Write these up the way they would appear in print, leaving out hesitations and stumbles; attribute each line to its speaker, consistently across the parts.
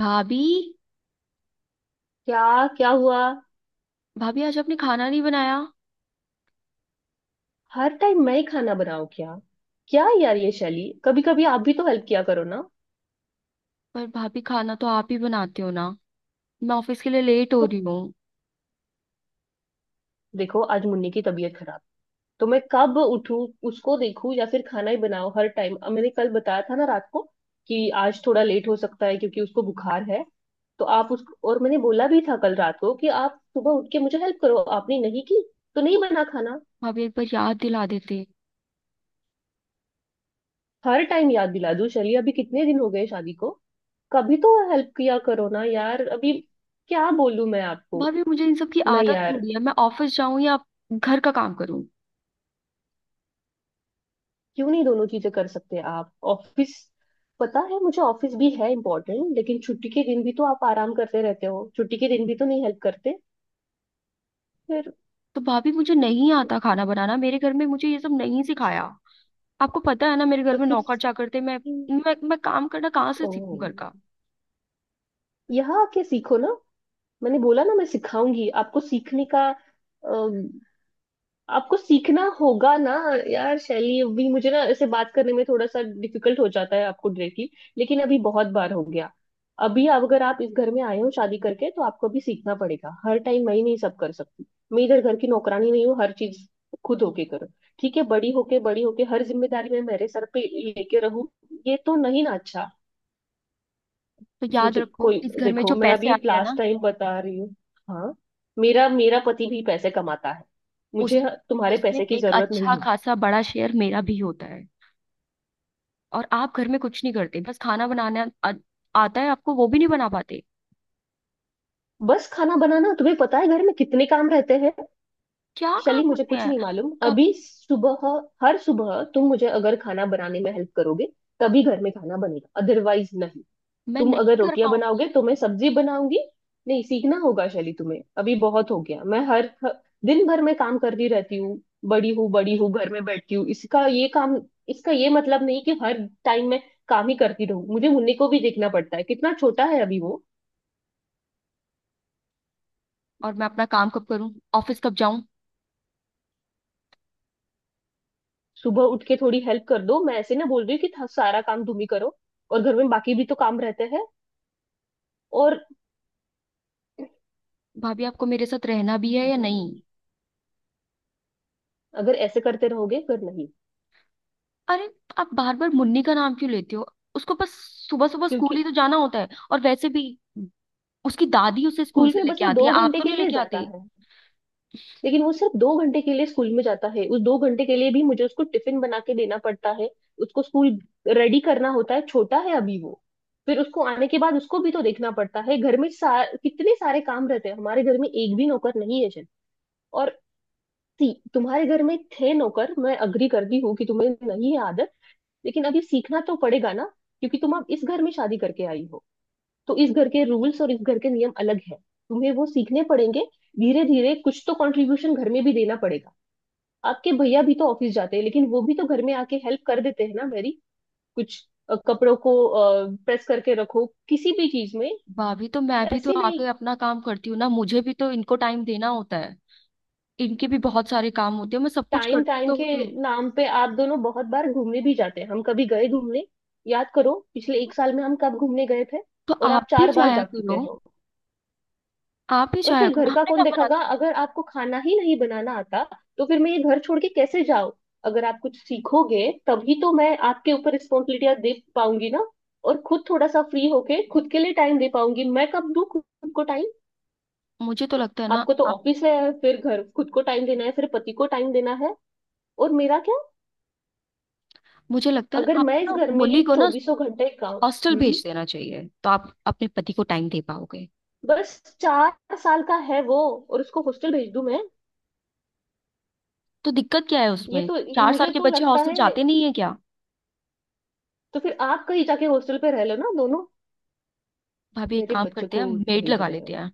Speaker 1: भाभी।
Speaker 2: क्या। क्या हुआ।
Speaker 1: भाभी आज आपने खाना नहीं बनाया।
Speaker 2: हर टाइम मैं ही खाना बनाऊं क्या। क्या यार ये शैली कभी कभी आप भी तो हेल्प किया करो ना।
Speaker 1: पर भाभी खाना तो आप ही बनाते हो ना। मैं ऑफिस के लिए लेट हो
Speaker 2: तो
Speaker 1: रही हूँ।
Speaker 2: देखो आज मुन्नी की तबीयत खराब। तो मैं कब उठूं उसको देखूं या फिर खाना ही बनाओ हर टाइम। अब मैंने कल बताया था ना रात को कि आज थोड़ा लेट हो सकता है क्योंकि उसको बुखार है। तो आप उस और मैंने बोला भी था कल रात को कि आप सुबह उठ के मुझे हेल्प करो आपने नहीं की। तो नहीं बना खाना।
Speaker 1: भाभी एक बार याद दिला देते।
Speaker 2: हर टाइम याद दिला दूं शैली अभी कितने दिन हो गए शादी को। कभी तो हेल्प किया करो ना यार अभी। क्या बोलूं मैं आपको।
Speaker 1: भाभी मुझे इन सब की
Speaker 2: नहीं
Speaker 1: आदत
Speaker 2: यार।
Speaker 1: थोड़ी है। मैं ऑफिस जाऊं या घर का काम करूं।
Speaker 2: क्यों नहीं दोनों चीजें कर सकते आप ऑफिस। पता है मुझे ऑफिस भी है इम्पोर्टेंट लेकिन छुट्टी के दिन भी तो आप आराम करते रहते हो छुट्टी के दिन भी तो नहीं हेल्प करते। फिर।
Speaker 1: तो भाभी मुझे नहीं आता खाना बनाना। मेरे घर में मुझे ये सब नहीं सिखाया। आपको पता है ना मेरे घर
Speaker 2: तो
Speaker 1: में
Speaker 2: फिर।
Speaker 1: नौकर चाकर थे। मैं काम करना कहाँ से
Speaker 2: ओ,
Speaker 1: सीखूं घर का।
Speaker 2: यहाँ आके सीखो ना। मैंने बोला ना मैं सिखाऊंगी आपको सीखने का। आपको सीखना होगा ना। यार शैली अभी मुझे ना ऐसे बात करने में थोड़ा सा डिफिकल्ट हो जाता है आपको डायरेक्टली। लेकिन अभी बहुत बार हो गया। अभी अब अगर आप इस घर में आए हो शादी करके तो आपको अभी सीखना पड़ेगा हर टाइम मैं ही नहीं सब कर सकती। मैं इधर घर की नौकरानी नहीं हूँ हर चीज खुद होके करो। ठीक है बड़ी होके हर जिम्मेदारी मैं मेरे सर पे लेके रहूं। ये तो नहीं ना। अच्छा
Speaker 1: तो याद
Speaker 2: मुझे
Speaker 1: रखो
Speaker 2: कोई
Speaker 1: इस घर में
Speaker 2: देखो
Speaker 1: जो
Speaker 2: मैं
Speaker 1: पैसे
Speaker 2: अभी
Speaker 1: आते हैं
Speaker 2: लास्ट
Speaker 1: ना,
Speaker 2: टाइम बता रही हूँ। हाँ। मेरा मेरा पति भी पैसे कमाता है। मुझे
Speaker 1: उस
Speaker 2: तुम्हारे
Speaker 1: उसमें
Speaker 2: पैसे की
Speaker 1: एक
Speaker 2: जरूरत
Speaker 1: अच्छा
Speaker 2: नहीं है।
Speaker 1: खासा बड़ा शेयर मेरा भी होता है। और आप घर में कुछ नहीं करते, बस खाना बनाना आता है आपको, वो भी नहीं बना पाते।
Speaker 2: बस खाना बनाना तुम्हें पता है घर में कितने काम रहते हैं।
Speaker 1: क्या काम
Speaker 2: शली मुझे
Speaker 1: होते
Speaker 2: कुछ
Speaker 1: हैं।
Speaker 2: नहीं मालूम
Speaker 1: कब।
Speaker 2: अभी सुबह। हर सुबह तुम मुझे अगर खाना बनाने में हेल्प करोगे तभी घर में खाना बनेगा अदरवाइज नहीं।
Speaker 1: मैं
Speaker 2: तुम अगर
Speaker 1: नहीं कर
Speaker 2: रोटियां
Speaker 1: पाऊंगी।
Speaker 2: बनाओगे तो मैं सब्जी बनाऊंगी। नहीं सीखना होगा शैली तुम्हें अभी बहुत हो गया। मैं हर हर- दिन भर में काम करती रहती हूँ। बड़ी हूँ बड़ी हूँ घर में बैठती हूँ इसका ये काम इसका ये मतलब नहीं कि हर टाइम में काम ही करती रहूँ। मुझे मुन्नी को भी देखना पड़ता है कितना छोटा है अभी वो।
Speaker 1: और मैं अपना काम कब करूं, ऑफिस कब जाऊं।
Speaker 2: सुबह उठ के थोड़ी हेल्प कर दो मैं ऐसे ना बोल रही हूँ कि सारा काम तुम ही करो। और घर में बाकी भी तो काम रहते हैं। और
Speaker 1: भाभी आपको मेरे साथ रहना भी है या
Speaker 2: अगर
Speaker 1: नहीं।
Speaker 2: ऐसे करते रहोगे फिर नहीं।
Speaker 1: अरे आप बार बार मुन्नी का नाम क्यों लेते हो। उसको बस सुबह सुबह स्कूल
Speaker 2: क्योंकि
Speaker 1: ही तो जाना होता है, और वैसे भी उसकी दादी उसे स्कूल
Speaker 2: स्कूल
Speaker 1: से
Speaker 2: में बस
Speaker 1: लेके
Speaker 2: वो
Speaker 1: आती है,
Speaker 2: दो
Speaker 1: आप
Speaker 2: घंटे
Speaker 1: तो
Speaker 2: के
Speaker 1: नहीं
Speaker 2: लिए
Speaker 1: लेके
Speaker 2: जाता
Speaker 1: आते।
Speaker 2: है। लेकिन वो सिर्फ 2 घंटे के लिए स्कूल में जाता है उस 2 घंटे के लिए भी मुझे उसको टिफिन बना के देना पड़ता है। उसको स्कूल रेडी करना होता है छोटा है अभी वो। फिर उसको आने के बाद उसको भी तो देखना पड़ता है घर में कितने सारे काम रहते हैं हमारे घर में एक भी नौकर नहीं है जन और सी तुम्हारे घर में थे नौकर। मैं अग्री करती हूँ कि तुम्हें नहीं है आदत। लेकिन अब ये सीखना तो पड़ेगा ना। क्योंकि तुम अब इस घर में शादी करके आई हो। तो इस घर के रूल्स और इस घर के नियम अलग है। तुम्हें वो सीखने पड़ेंगे। धीरे धीरे कुछ तो कंट्रीब्यूशन घर में भी देना पड़ेगा। आपके भैया भी तो ऑफिस जाते हैं लेकिन वो भी तो घर में आके हेल्प कर देते हैं ना मेरी कुछ कपड़ों को प्रेस करके रखो किसी भी चीज में।
Speaker 1: भाभी तो मैं भी तो
Speaker 2: ऐसी नहीं।
Speaker 1: आके अपना काम करती हूँ ना, मुझे भी तो इनको टाइम देना होता है। इनके भी बहुत सारे काम होते हैं, मैं सब कुछ
Speaker 2: टाइम
Speaker 1: करती
Speaker 2: टाइम
Speaker 1: तो
Speaker 2: के
Speaker 1: होती हूँ।
Speaker 2: नाम पे आप दोनों बहुत बार घूमने भी जाते हैं हम कभी गए घूमने। याद करो पिछले 1 साल में हम कब घूमने गए थे।
Speaker 1: तो
Speaker 2: और
Speaker 1: आप
Speaker 2: आप
Speaker 1: भी
Speaker 2: 4 बार
Speaker 1: जाया
Speaker 2: जा चुके
Speaker 1: करो।
Speaker 2: हो।
Speaker 1: आप भी
Speaker 2: और
Speaker 1: जाया
Speaker 2: फिर
Speaker 1: करो,
Speaker 2: घर का
Speaker 1: आपने
Speaker 2: कौन
Speaker 1: क्या मना
Speaker 2: देखेगा
Speaker 1: किया है?
Speaker 2: अगर आपको खाना ही नहीं बनाना आता। तो फिर मैं ये घर छोड़ के कैसे जाऊं। अगर आप कुछ सीखोगे तभी तो मैं आपके ऊपर रिस्पॉन्सिबिलिटियां दे पाऊंगी ना। और खुद थोड़ा सा फ्री होके खुद के लिए टाइम दे पाऊंगी मैं कब दूं खुद को टाइम।
Speaker 1: मुझे तो लगता है ना
Speaker 2: आपको तो
Speaker 1: आप।
Speaker 2: ऑफिस है फिर घर खुद को टाइम देना है फिर पति को टाइम देना है और मेरा क्या।
Speaker 1: मुझे लगता है
Speaker 2: अगर
Speaker 1: ना
Speaker 2: मैं
Speaker 1: आपको
Speaker 2: इस
Speaker 1: ना
Speaker 2: घर
Speaker 1: मुन्नी
Speaker 2: में
Speaker 1: को ना
Speaker 2: चौबीसों घंटे काम।
Speaker 1: हॉस्टल भेज देना चाहिए, तो आप अपने पति को टाइम दे पाओगे।
Speaker 2: बस 4 साल का है वो। और उसको हॉस्टल भेज दूं मैं।
Speaker 1: तो दिक्कत क्या है उसमें।
Speaker 2: ये
Speaker 1: चार साल
Speaker 2: मुझे
Speaker 1: के
Speaker 2: तो
Speaker 1: बच्चे
Speaker 2: लगता
Speaker 1: हॉस्टल
Speaker 2: है।
Speaker 1: जाते नहीं है क्या।
Speaker 2: तो फिर आप कहीं जाके हॉस्टल पे रह लो ना दोनों।
Speaker 1: भाभी एक
Speaker 2: मेरे
Speaker 1: काम
Speaker 2: बच्चे
Speaker 1: करते हैं,
Speaker 2: को
Speaker 1: मेड
Speaker 2: भेज
Speaker 1: लगा
Speaker 2: रहे
Speaker 1: लेते
Speaker 2: हो।
Speaker 1: हैं।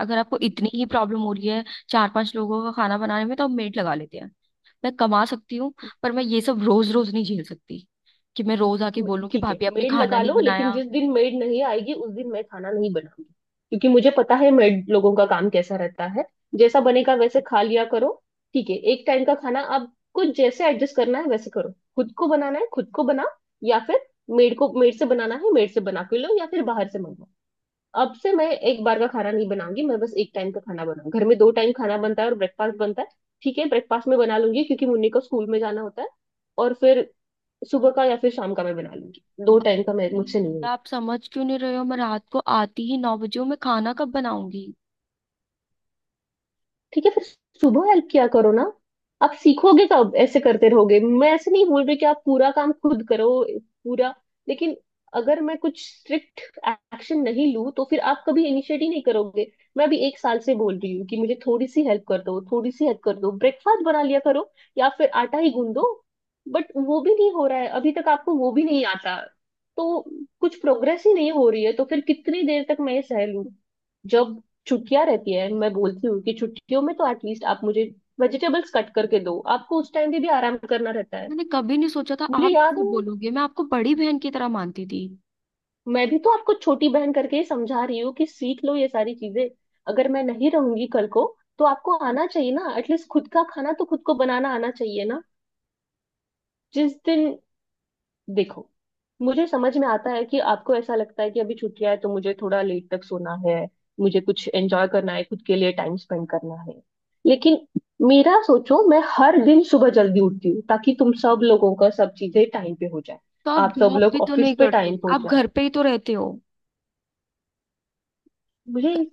Speaker 1: अगर आपको इतनी ही प्रॉब्लम हो रही है चार पांच लोगों का खाना बनाने में, तो आप मेड लगा लेते हैं। मैं कमा सकती हूँ। पर मैं ये सब रोज रोज नहीं झेल सकती, कि मैं रोज आके बोलूँ कि
Speaker 2: ठीक है
Speaker 1: भाभी आपने
Speaker 2: मेड
Speaker 1: खाना
Speaker 2: लगा
Speaker 1: नहीं
Speaker 2: लो लेकिन
Speaker 1: बनाया।
Speaker 2: जिस दिन मेड नहीं आएगी उस दिन मैं खाना नहीं बनाऊंगी। क्योंकि मुझे पता है मेड लोगों का काम कैसा रहता है। जैसा बनेगा वैसे खा लिया करो। ठीक है एक टाइम का खाना आप कुछ जैसे एडजस्ट करना है वैसे करो। खुद को बनाना है खुद को बना या फिर मेड से बनाना है मेड से बना के लो या फिर बाहर से मंगवाओ। अब से मैं एक बार का खाना नहीं बनाऊंगी मैं बस एक टाइम का खाना बनाऊंगी घर में 2 टाइम खाना बनता है और ब्रेकफास्ट बनता है। ठीक है ब्रेकफास्ट में बना लूंगी क्योंकि मुन्नी को स्कूल में जाना होता है। और फिर सुबह का या फिर शाम का मैं बना लूंगी 2 टाइम का मैं मुझसे
Speaker 1: भाई,
Speaker 2: नहीं होगा।
Speaker 1: आप समझ क्यों नहीं रहे हो। मैं रात को आती ही नौ बजे हूँ, मैं खाना कब बनाऊंगी।
Speaker 2: ठीक है फिर सुबह हेल्प किया करो ना। आप सीखोगे कब ऐसे करते रहोगे मैं ऐसे नहीं बोल रही कि आप पूरा काम खुद करो पूरा। लेकिन अगर मैं कुछ स्ट्रिक्ट एक्शन नहीं लूँ तो फिर आप कभी इनिशिएट ही नहीं करोगे। मैं अभी 1 साल से बोल रही हूँ कि मुझे थोड़ी सी हेल्प कर दो थोड़ी सी हेल्प कर दो ब्रेकफास्ट बना लिया करो या फिर आटा ही गूंद दो। बट वो भी नहीं हो रहा है अभी तक आपको वो भी नहीं आता। तो कुछ प्रोग्रेस ही नहीं हो रही है तो फिर कितनी देर तक मैं ये सह लूं। जब छुट्टियां रहती है मैं बोलती हूँ कि छुट्टियों में तो एटलीस्ट आप मुझे वेजिटेबल्स कट करके दो आपको उस टाइम पे भी आराम करना रहता है।
Speaker 1: मैंने कभी नहीं सोचा था
Speaker 2: मुझे
Speaker 1: आप
Speaker 2: याद
Speaker 1: ऐसे
Speaker 2: है
Speaker 1: बोलोगे, मैं आपको बड़ी बहन की तरह मानती थी।
Speaker 2: मैं भी तो आपको छोटी बहन करके ही समझा रही हूँ कि सीख लो ये सारी चीजें अगर मैं नहीं रहूंगी कल को तो आपको आना चाहिए ना एटलीस्ट खुद का खाना तो खुद को बनाना आना चाहिए ना। जिस दिन देखो मुझे समझ में आता है कि आपको ऐसा लगता है कि अभी छुट्टियां है तो मुझे थोड़ा लेट तक सोना है मुझे कुछ एंजॉय करना है खुद के लिए टाइम स्पेंड करना है। लेकिन मेरा सोचो मैं हर दिन सुबह जल्दी उठती हूँ ताकि तुम सब लोगों का सब चीजें टाइम पे हो जाए।
Speaker 1: तो आप
Speaker 2: आप सब
Speaker 1: जॉब भी
Speaker 2: लोग
Speaker 1: तो
Speaker 2: ऑफिस
Speaker 1: नहीं
Speaker 2: पे टाइम
Speaker 1: करते,
Speaker 2: पे हो
Speaker 1: आप घर
Speaker 2: जाए।
Speaker 1: पे ही तो रहते हो। घ-
Speaker 2: मुझे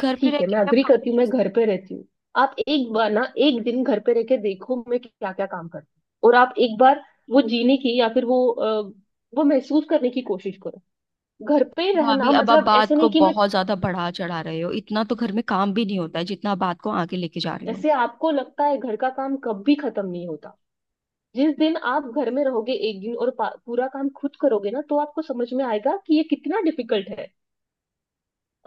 Speaker 1: घर पे
Speaker 2: ठीक
Speaker 1: रह
Speaker 2: है
Speaker 1: के
Speaker 2: मैं
Speaker 1: भी आप
Speaker 2: अग्री
Speaker 1: काम।
Speaker 2: करती हूँ मैं घर पे रहती हूँ। आप एक बार ना एक दिन घर पे रह के देखो मैं क्या क्या काम करती हूँ और आप एक बार वो जीने की या फिर वो वो महसूस करने की कोशिश करो। घर पे ही
Speaker 1: भाभी
Speaker 2: रहना
Speaker 1: अब आप
Speaker 2: मतलब ऐसे
Speaker 1: बात को
Speaker 2: नहीं कि मैं
Speaker 1: बहुत ज्यादा बढ़ा चढ़ा रहे हो, इतना तो घर में काम भी नहीं होता है जितना आप बात को आगे लेके जा रहे हो।
Speaker 2: ऐसे। आपको लगता है घर का काम कभी खत्म नहीं होता। जिस दिन आप घर में रहोगे एक दिन और पूरा काम खुद करोगे ना तो आपको समझ में आएगा कि ये कितना डिफिकल्ट है।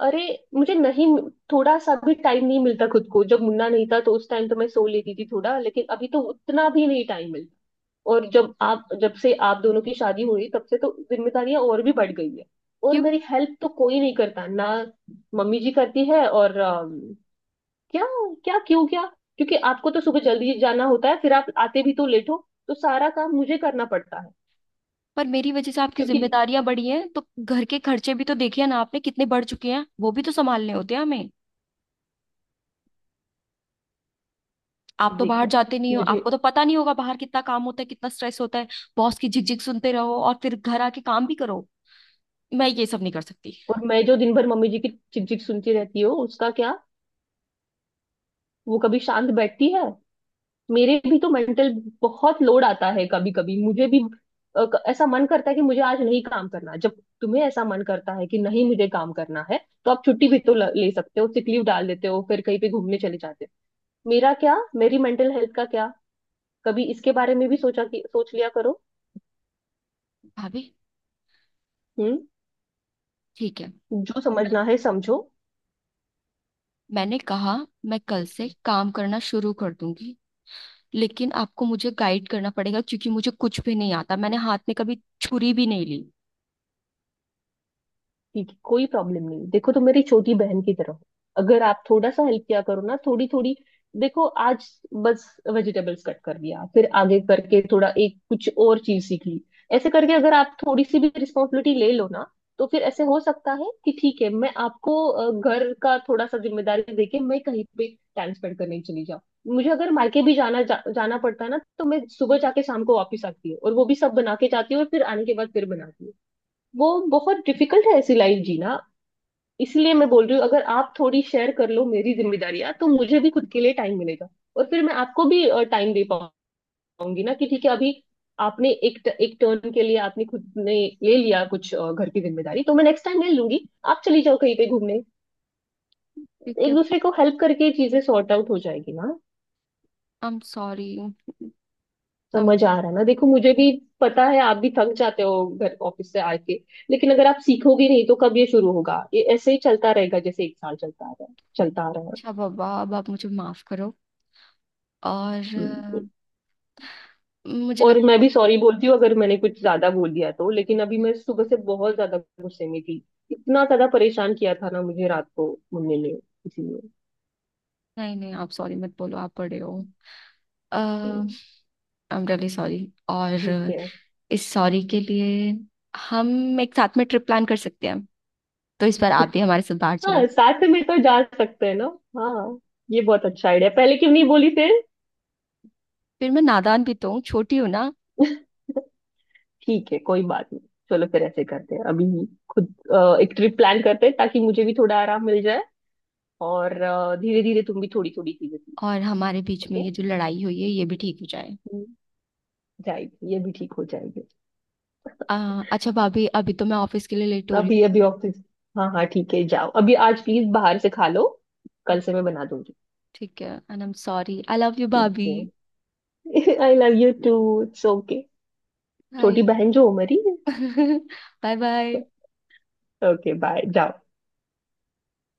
Speaker 2: अरे मुझे नहीं थोड़ा सा भी टाइम नहीं मिलता खुद को जब मुन्ना नहीं था तो उस टाइम तो मैं सो लेती थी थोड़ा लेकिन अभी तो उतना भी नहीं टाइम मिलता। और जब से आप दोनों की शादी हुई तब से तो जिम्मेदारियां और भी बढ़ गई है। और
Speaker 1: क्यों।
Speaker 2: मेरी हेल्प तो कोई नहीं करता ना। मम्मी जी करती है और। क्या। क्या क्यों क्या। क्योंकि आपको तो सुबह जल्दी जाना होता है फिर आप आते भी तो लेट हो। तो सारा काम मुझे करना पड़ता है।
Speaker 1: पर मेरी वजह से आपकी
Speaker 2: क्योंकि
Speaker 1: जिम्मेदारियां बढ़ी हैं, तो घर के खर्चे भी तो देखिए ना, आपने कितने बढ़ चुके हैं, वो भी तो संभालने होते हैं हमें। आप तो बाहर
Speaker 2: देखो
Speaker 1: जाते नहीं हो,
Speaker 2: मुझे।
Speaker 1: आपको तो पता नहीं होगा बाहर कितना काम होता है, कितना स्ट्रेस होता है। बॉस की झिकझिक सुनते रहो और फिर घर आके काम भी करो। मैं ये सब नहीं कर सकती।
Speaker 2: और मैं जो दिन भर मम्मी जी की चिकचिक सुनती रहती हूँ उसका क्या। वो कभी शांत बैठती है। मेरे भी तो मेंटल बहुत लोड आता है कभी कभी मुझे भी ऐसा मन करता है कि मुझे आज नहीं काम करना। जब तुम्हें ऐसा मन करता है कि नहीं मुझे काम करना है तो आप छुट्टी भी तो ले सकते हो सिक लीव डाल देते हो फिर कहीं पे घूमने चले जाते हो। मेरा क्या मेरी मेंटल हेल्थ का क्या। कभी इसके बारे में भी सोचा कि सोच लिया करो।
Speaker 1: भाभी।
Speaker 2: हम्म।
Speaker 1: ठीक है।
Speaker 2: जो
Speaker 1: मैं
Speaker 2: समझना है समझो।
Speaker 1: मैंने कहा, मैं कल से काम करना शुरू कर दूंगी। लेकिन आपको मुझे गाइड करना पड़ेगा, क्योंकि मुझे कुछ भी नहीं आता, मैंने हाथ में कभी छुरी भी नहीं ली।
Speaker 2: ठीक है कोई प्रॉब्लम नहीं देखो तो मेरी छोटी बहन की तरह हो। अगर आप थोड़ा सा हेल्प किया करो ना थोड़ी थोड़ी देखो आज बस वेजिटेबल्स कट कर दिया फिर आगे करके थोड़ा एक कुछ और चीज सीख ली। ऐसे करके अगर आप थोड़ी सी भी रिस्पॉन्सिबिलिटी ले लो ना तो फिर ऐसे हो सकता है कि ठीक है मैं आपको घर का थोड़ा सा जिम्मेदारी देके मैं कहीं पे टाइम स्पेंड करने चली जाऊँ। मुझे अगर मार्केट भी जाना जाना पड़ता है ना तो मैं सुबह जाके शाम को वापस आती हूँ और वो भी सब बना के जाती हूँ और फिर आने के बाद फिर बनाती हूँ। वो बहुत डिफिकल्ट है ऐसी लाइफ जीना। इसलिए मैं बोल रही हूँ अगर आप थोड़ी शेयर कर लो मेरी जिम्मेदारियां तो मुझे भी खुद के लिए टाइम मिलेगा। और फिर मैं आपको भी टाइम दे पाऊंगी ना कि ठीक है अभी आपने एक टर्न के लिए आपने खुद ने ले लिया कुछ घर की जिम्मेदारी तो मैं नेक्स्ट टाइम ले लूंगी। आप चली जाओ कहीं पे घूमने।
Speaker 1: ठीक है।
Speaker 2: एक दूसरे को हेल्प करके चीजें सॉर्ट आउट हो जाएगी ना।
Speaker 1: I am sorry.
Speaker 2: समझ आ रहा है ना देखो मुझे भी पता है आप भी थक जाते हो घर ऑफिस से आके। लेकिन अगर आप सीखोगे नहीं तो कब ये शुरू होगा ये ऐसे ही चलता रहेगा जैसे 1 साल चलता आ रहा है चलता आ रहा है।
Speaker 1: अच्छा बाबा, अब आप मुझे माफ करो। और
Speaker 2: हम्म।
Speaker 1: मुझे लग।
Speaker 2: और मैं भी सॉरी बोलती हूँ अगर मैंने कुछ ज्यादा बोल दिया तो लेकिन अभी मैं सुबह से बहुत ज्यादा गुस्से में थी। इतना ज्यादा परेशान किया था ना मुझे रात को मुन्ने ने इसीलिए।
Speaker 1: नहीं नहीं, आप सॉरी मत बोलो, आप बड़े हो। अ,
Speaker 2: हम्म,
Speaker 1: आई एम रियली सॉरी। और
Speaker 2: ठीक है
Speaker 1: इस सॉरी के लिए, हम एक साथ में ट्रिप प्लान कर सकते हैं, तो इस बार आप भी हमारे साथ बाहर
Speaker 2: हाँ
Speaker 1: चलो।
Speaker 2: साथ में तो जा सकते हैं ना। हाँ। ये बहुत अच्छा आइडिया पहले क्यों नहीं बोली थे।
Speaker 1: फिर मैं नादान भी तो हूँ, छोटी हूँ ना।
Speaker 2: ठीक है कोई बात नहीं। चलो फिर ऐसे करते हैं अभी खुद एक ट्रिप प्लान करते हैं ताकि मुझे भी थोड़ा आराम मिल जाए। और धीरे धीरे तुम भी थोड़ी थोड़ी चीजें सीख।
Speaker 1: और हमारे बीच में
Speaker 2: ओके
Speaker 1: ये जो लड़ाई हुई है, ये भी ठीक हो जाए।
Speaker 2: जाएगी ये भी ठीक हो जाएगी।
Speaker 1: अच्छा भाभी, अभी तो मैं ऑफिस के लिए लेट हो रही
Speaker 2: अभी अभी ऑफिस। हाँ हाँ ठीक है जाओ अभी आज प्लीज बाहर से खा लो।
Speaker 1: हूँ।
Speaker 2: कल से मैं बना दूंगी।
Speaker 1: ठीक है, and I am sorry, I love you भाभी।
Speaker 2: ठीक है आई love you too. It's okay.
Speaker 1: Bye
Speaker 2: छोटी बहन जो हो मेरी।
Speaker 1: बाय बाय
Speaker 2: ओके बाय जाओ।